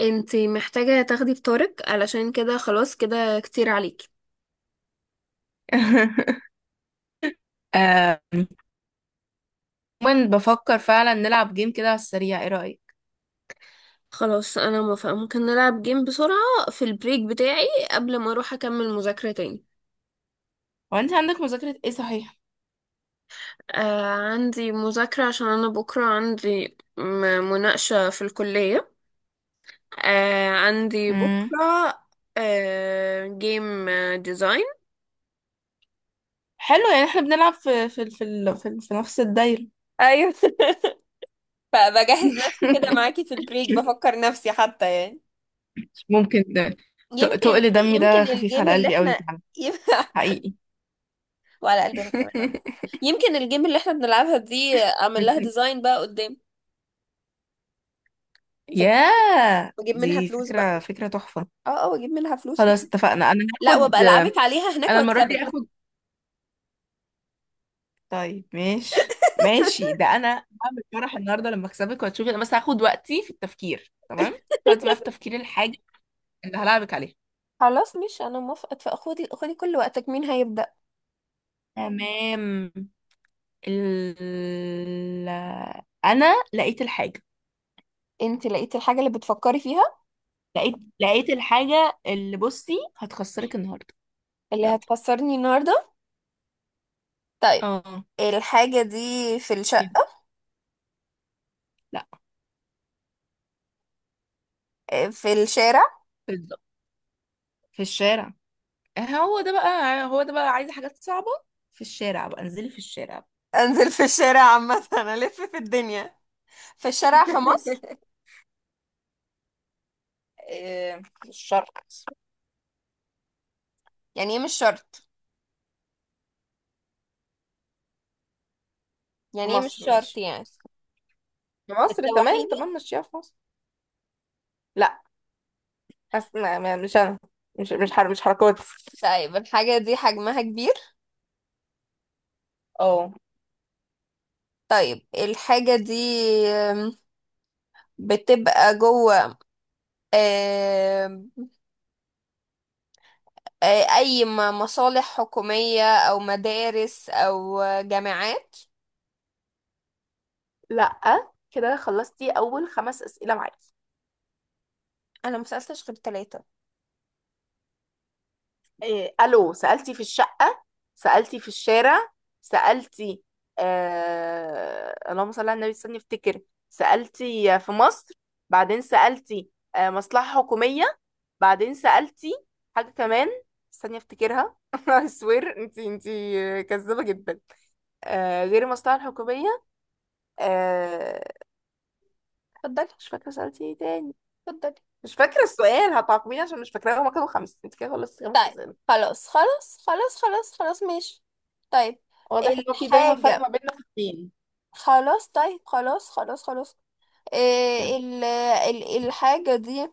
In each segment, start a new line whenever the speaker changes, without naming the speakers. انتي محتاجة تاخدي بطارق علشان كده، خلاص كده كتير عليكي.
آم، عموما بفكر فعلا نلعب جيم كده على السريع، ايه رأيك؟
خلاص انا موافقة، ممكن نلعب جيم بسرعة في البريك بتاعي قبل ما اروح اكمل مذاكرة تاني.
هو انت عندك مذاكرة ايه، صحيح؟
آه، عندي مذاكرة عشان انا بكرة عندي مناقشة في الكلية. آه عندي
امم.
بكرة. آه جيم، ديزاين.
حلو، يعني احنا بنلعب في نفس الدايرة.
ايوه فبجهز نفسي كده معاكي في البريك، بفكر نفسي حتى يعني.
ممكن ده.
يمكن.
تقل دمي ده
يمكن
خفيف
الجيم
على
اللي
قلبي قوي
احنا
فعلا. حقيقي.
وعلى قلبنا كمان يمكن الجيم اللي احنا بنلعبها دي اعمل لها
ميرسي.
ديزاين بقى قدام. فكتير.
ياه،
واجيب منها
دي
فلوس بقى.
فكرة فكرة تحفة.
اه اه، واجيب منها فلوس
خلاص
وكده.
اتفقنا، انا
لا، وابقى
هاخد.
العبك عليها هناك
انا المرة دي
واكسبك.
هاخد. طيب ماشي ماشي، ده انا هعمل فرح النهارده لما اكسبك وهتشوفي. انا بس هاخد وقتي في التفكير. تمام، هاخد وقتي بقى في تفكير الحاجه اللي هلعبك عليها.
خلاص، مش انا موافقه، فخدي كل وقتك. مين هيبدأ؟
تمام. ال... انا لقيت الحاجه.
انت لقيتي الحاجه اللي بتفكري فيها؟
لقيت لقيت الحاجه اللي بصي هتخسرك النهارده.
اللي
يلا.
هتخسرني النهارده؟ طيب،
اه،
الحاجه دي في
كده. لا،
في الشارع؟
بالظبط، في الشارع. آه، هو ده بقى هو ده بقى عايزه حاجات صعبه. في الشارع بقى، انزلي في الشارع.
انزل في الشارع عامه انا الف في الدنيا. في الشارع في مصر؟
إيه، في الشرق.
يعني ايه مش شرط؟
في
يعني ايه مش
مصر،
شرط
ماشي.
يعني؟
في مصر، تمام
بتسوحيني؟
تمام، ماشية في مصر. لا، بس مش انا. مش حر، مش حركات.
طيب الحاجة دي حجمها كبير؟
اه.
طيب الحاجة آم، بتبقى جوه؟ آم، أي مصالح حكومية أو مدارس أو جامعات؟
لا، كده خلصتي اول خمس اسئله معاكي.
أنا مسألتش غير تلاتة.
إيه الو، سالتي في الشقه، سالتي في الشارع، سالتي. اللهم صل على النبي، استني افتكر. سالتي في مصر، بعدين سالتي مصلحه حكوميه، بعدين سالتي حاجه كمان، استني افتكرها. I swear، انتي كذابه جدا. آه، غير المصلحه الحكوميه. آه.
اتفضلي.
مش فاكرة سألتي ايه تاني،
اتفضلي.
مش فاكرة السؤال. هتعاقبيني عشان مش فاكرة؟ هما كانوا خمس، انت كده خلصتي خمس
طيب
أسئلة.
خلاص خلاص ماشي. طيب
واضح ان هو في دايما فرق
الحاجة،
ما بيننا في الدين.
خلاص طيب خلاص خلاص. الحاجة دي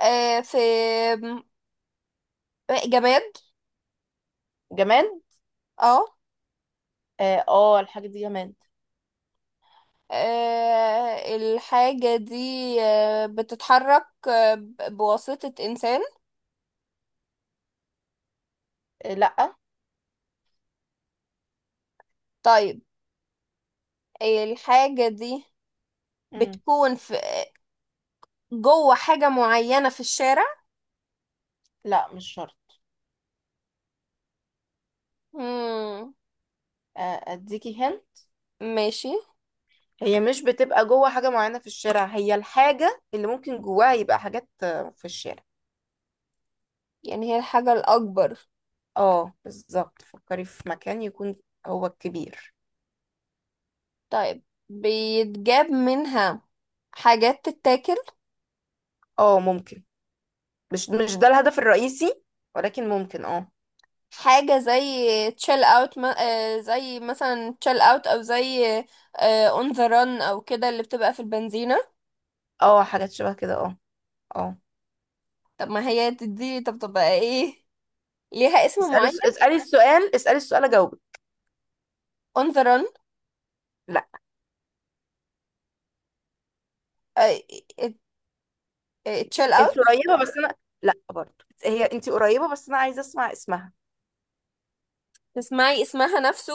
في جماد؟
جماد،
اه.
اه. آه، الحاجة دي جماد.
الحاجة دي بتتحرك بواسطة إنسان؟
آه، لا.
طيب الحاجة دي
مم.
بتكون في جوه حاجة معينة في الشارع؟
لا، مش شرط.
مم.
آه، اديكي هن.
ماشي.
هي مش بتبقى جوه حاجة معينة في الشارع، هي الحاجة اللي ممكن جواها يبقى حاجات في الشارع.
يعني هي الحاجة الأكبر؟
اه بالظبط، فكري في مكان يكون هو الكبير.
طيب بيتجاب منها حاجات تتاكل؟
اه، ممكن. مش ده الهدف الرئيسي، ولكن ممكن اه.
حاجة زي تشيل اوت ما... زي مثلا تشيل اوت او زي اون ذا رن او كده، اللي بتبقى في البنزينة.
اه، حاجات شبه كده، اه. اه.
طب ما هي دي، طب تبقى ايه؟ ليها اسم معين؟
اسألي السؤال، اسألي السؤال، اجاوبك.
on the run؟
لا،
آه، it- chill
انت
out؟
قريبة بس انا. لا برضه هي، انت قريبة بس انا عايزة اسمع اسمها.
تسمعي اسمها نفسه؟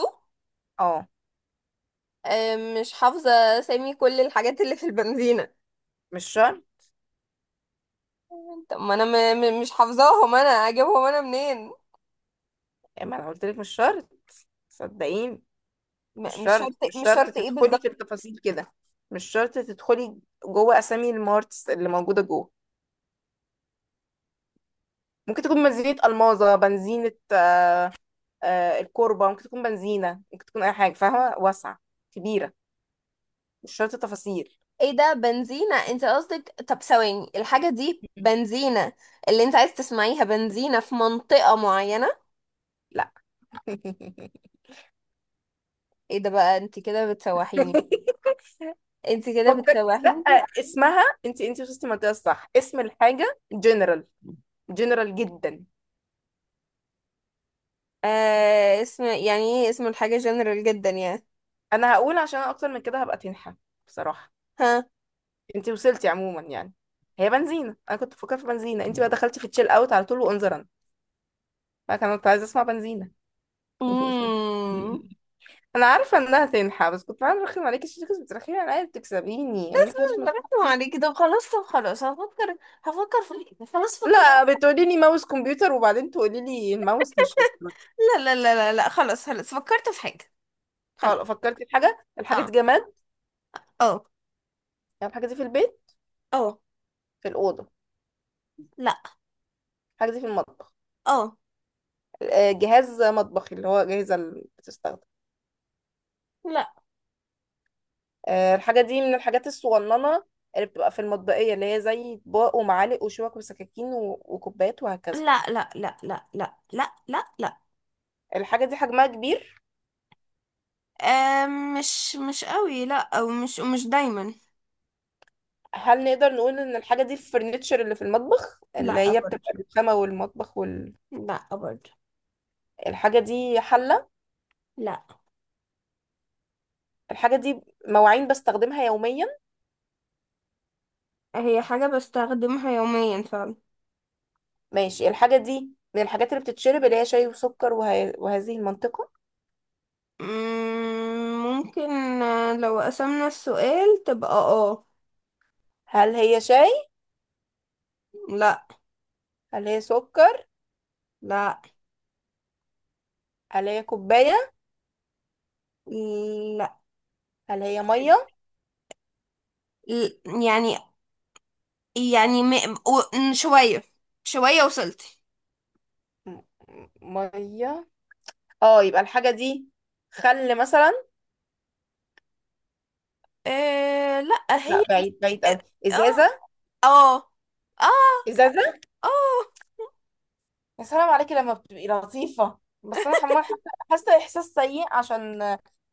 اه.
آه، مش حافظة سامي كل الحاجات اللي في البنزينة.
مش شرط،
طب ما انا م م مش حافظاهم، انا اجيبهم انا منين؟
يعني ما انا قلت لك مش شرط، صدقيني. مش
مش
شرط،
شرط
مش
مش
شرط
شرط ايه
تدخلي في
بالظبط؟
التفاصيل كده. مش شرط تدخلي جوه اسامي المارتس اللي موجودة جوه. ممكن تكون بنزينة الماظة، بنزينة الكوربة، ممكن تكون بنزينة، ممكن تكون اي حاجة، فاهمة، واسعة، كبيرة، مش شرط تفاصيل.
ايه ده، بنزينة انت قصدك؟ طب ثواني، الحاجة دي بنزينة اللي انت عايز تسمعيها؟ بنزينة في منطقة معينة؟
لا.
ايه ده بقى، انت كده بتسوحيني. انت كده
فكر. لا،
بتسوحيني.
اسمها. انت وصلتي المنطقه الصح، اسم الحاجه جنرال، جنرال جدا.
آه، اسم يعني ايه اسم الحاجة جنرال جدا يعني؟
انا هقول، عشان أنا اكتر من كده هبقى تنحى بصراحه.
ها؟
انت وصلتي عموما يعني، هي بنزينه، انا كنت بفكر في بنزينه، انت بقى دخلتي في تشيل اوت على طول وانظرا. انا كنت عايزه اسمع بنزينه.
امم.
انا عارفه انها تنحى، بس كنت عايزه ارخم عليكي عشان كنت بترخمي عليا، بتكسبيني
بس
انا حاجه
مش بركز
حاجة-
عليكي. طب خلاص، طب خلاص، هفكر. هفكر في حاجة. خلاص فكرت.
لا. بتقولي لي ماوس كمبيوتر وبعدين تقولي لي الماوس مش يفتح.
لا خلاص خلاص فكرت في حاجة.
خلاص
خلاص.
فكرتي في حاجه، الحاجه
اه.
دي جماد،
اه.
يعني الحاجه دي في البيت،
اه.
في الأوضة.
لا.
الحاجة دي في المطبخ.
اه.
جهاز مطبخي اللي هو جاهزة اللي بتستخدم.
لا
الحاجة دي من الحاجات الصغننة اللي بتبقى في المطبخية اللي هي زي أطباق ومعالق وشوك وسكاكين وكوبايات وهكذا.
لا لا، لا لا لا لا لا لا.
الحاجة دي حجمها كبير.
آه، مش قوي، لا. او مش دايما.
هل نقدر نقول إن الحاجة دي الفرنتشر اللي في المطبخ اللي
لا
هي
برضو.
بتبقى الرخامة والمطبخ
لا برضو.
الحاجة دي حلة.
لا.
الحاجة دي مواعين بستخدمها يوميا.
هي حاجة بستخدمها يوميا فعلا.
ماشي، الحاجة دي من الحاجات اللي بتتشرب، اللي هي شاي وسكر وهذه المنطقة.
مم، ممكن. آه، لو قسمنا السؤال تبقى اه.
هل هي شاي؟
لا.
هل هي سكر؟
لا.
هل هي كوباية؟
لا.
هل هي مية؟
ل- يعني، يعني م... شوية. شوية وصلت.
م- م- مية، اه. يبقى الحاجة دي، خل مثلا.
آه لا هي
لا، بعيد بعيد قوي.
اه
ازازة.
اه اه
ازازة.
اه.
يا سلام عليكي لما بتبقي لطيفة، بس انا حمار. حاسة احساس سيء عشان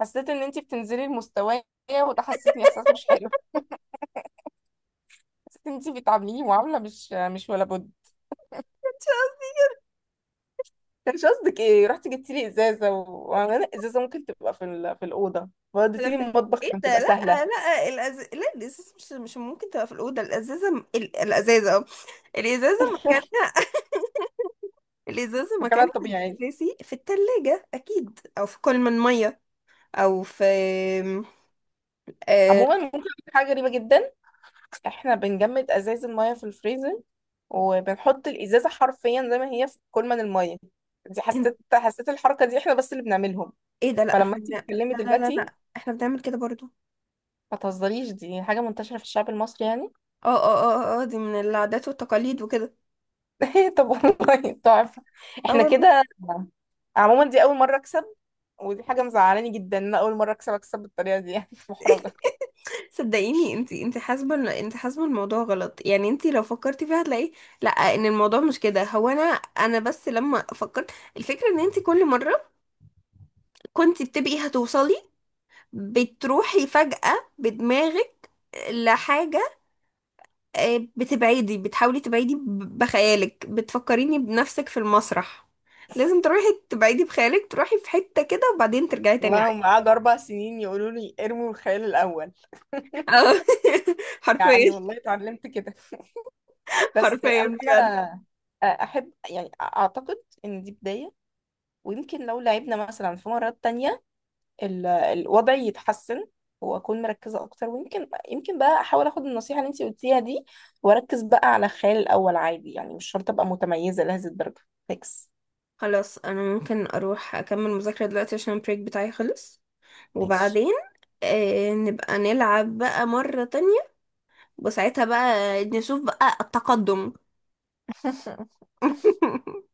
حسيت ان انتي بتنزلي المستوى. وده حسسني احساس مش حلو. حسيت ان انتي بتعامليني معاملة مش ولا بد. كانش قصدك ايه؟ رحتي جبتي لي ازازة وانا ازازة ممكن تبقى في الأوضة، وديتي
على
لي
فكرة،
المطبخ،
ايه
كانت
ده،
تبقى
لا.
سهلة.
لا لا، الازازه مش ممكن تبقى في الاوضه. الازازه الازازه اه. الازازه مكانها الازازه مكانها
فكانت طبيعي.
الاساسي في الثلاجه اكيد، او في كل من ميه، او في آه...
عموما ممكن أقول لك حاجة غريبة جدا، احنا بنجمد ازاز المية في الفريزر، وبنحط الازازة حرفيا زي ما هي في كولمن المية. دي حسيت الحركة دي احنا بس اللي بنعملهم.
ايه ده، لا
فلما
احنا
انت
لا
بتتكلمي
لا لا
دلوقتي.
لا احنا بنعمل كده برضو.
ما تهزريش، دي حاجة منتشرة في الشعب المصري يعني.
اه اه اه اه دي من العادات والتقاليد وكده.
طب والله تحفة،
اه
احنا
والله.
كده. عموما دي اول مرة اكسب، ودي حاجة مزعلاني جدا ان انا اول مرة اكسب بالطريقة دي يعني. محرجة.
صدقيني انتي، حاسبه انتي حاسبه الموضوع غلط، يعني انتي لو فكرتي فيها هتلاقي لا، ان الموضوع مش كده. هو انا بس لما فكرت، الفكره ان انتي كل مره كنتي بتبقي هتوصلي، بتروحي فجأة بدماغك لحاجة، آه، بتبعدي، بتحاولي تبعدي بخيالك، بتفكريني بنفسك في المسرح. لازم تروحي تبعدي بخيالك، تروحي في حتة كده وبعدين ترجعي تاني.
والله هم قعدوا 4 سنين يقولوا لي ارموا الخيال الاول،
اه
يعني
حرفيا.
والله اتعلمت كده. بس
حرفيا
انا
بجد.
انا احب، يعني اعتقد ان دي بداية، ويمكن لو لعبنا مثلا في مرات تانية الوضع يتحسن، واكون مركزة اكتر، ويمكن بقى احاول اخد النصيحة اللي انت قلتيها دي، واركز بقى على الخيال الاول عادي يعني، مش شرط ابقى متميزة لهذه الدرجة. فيكس.
خلاص انا ممكن اروح اكمل مذاكرة دلوقتي عشان البريك بتاعي خلص.
ماشي.
وبعدين آه نبقى نلعب بقى مرة تانية، وساعتها بقى نشوف بقى التقدم.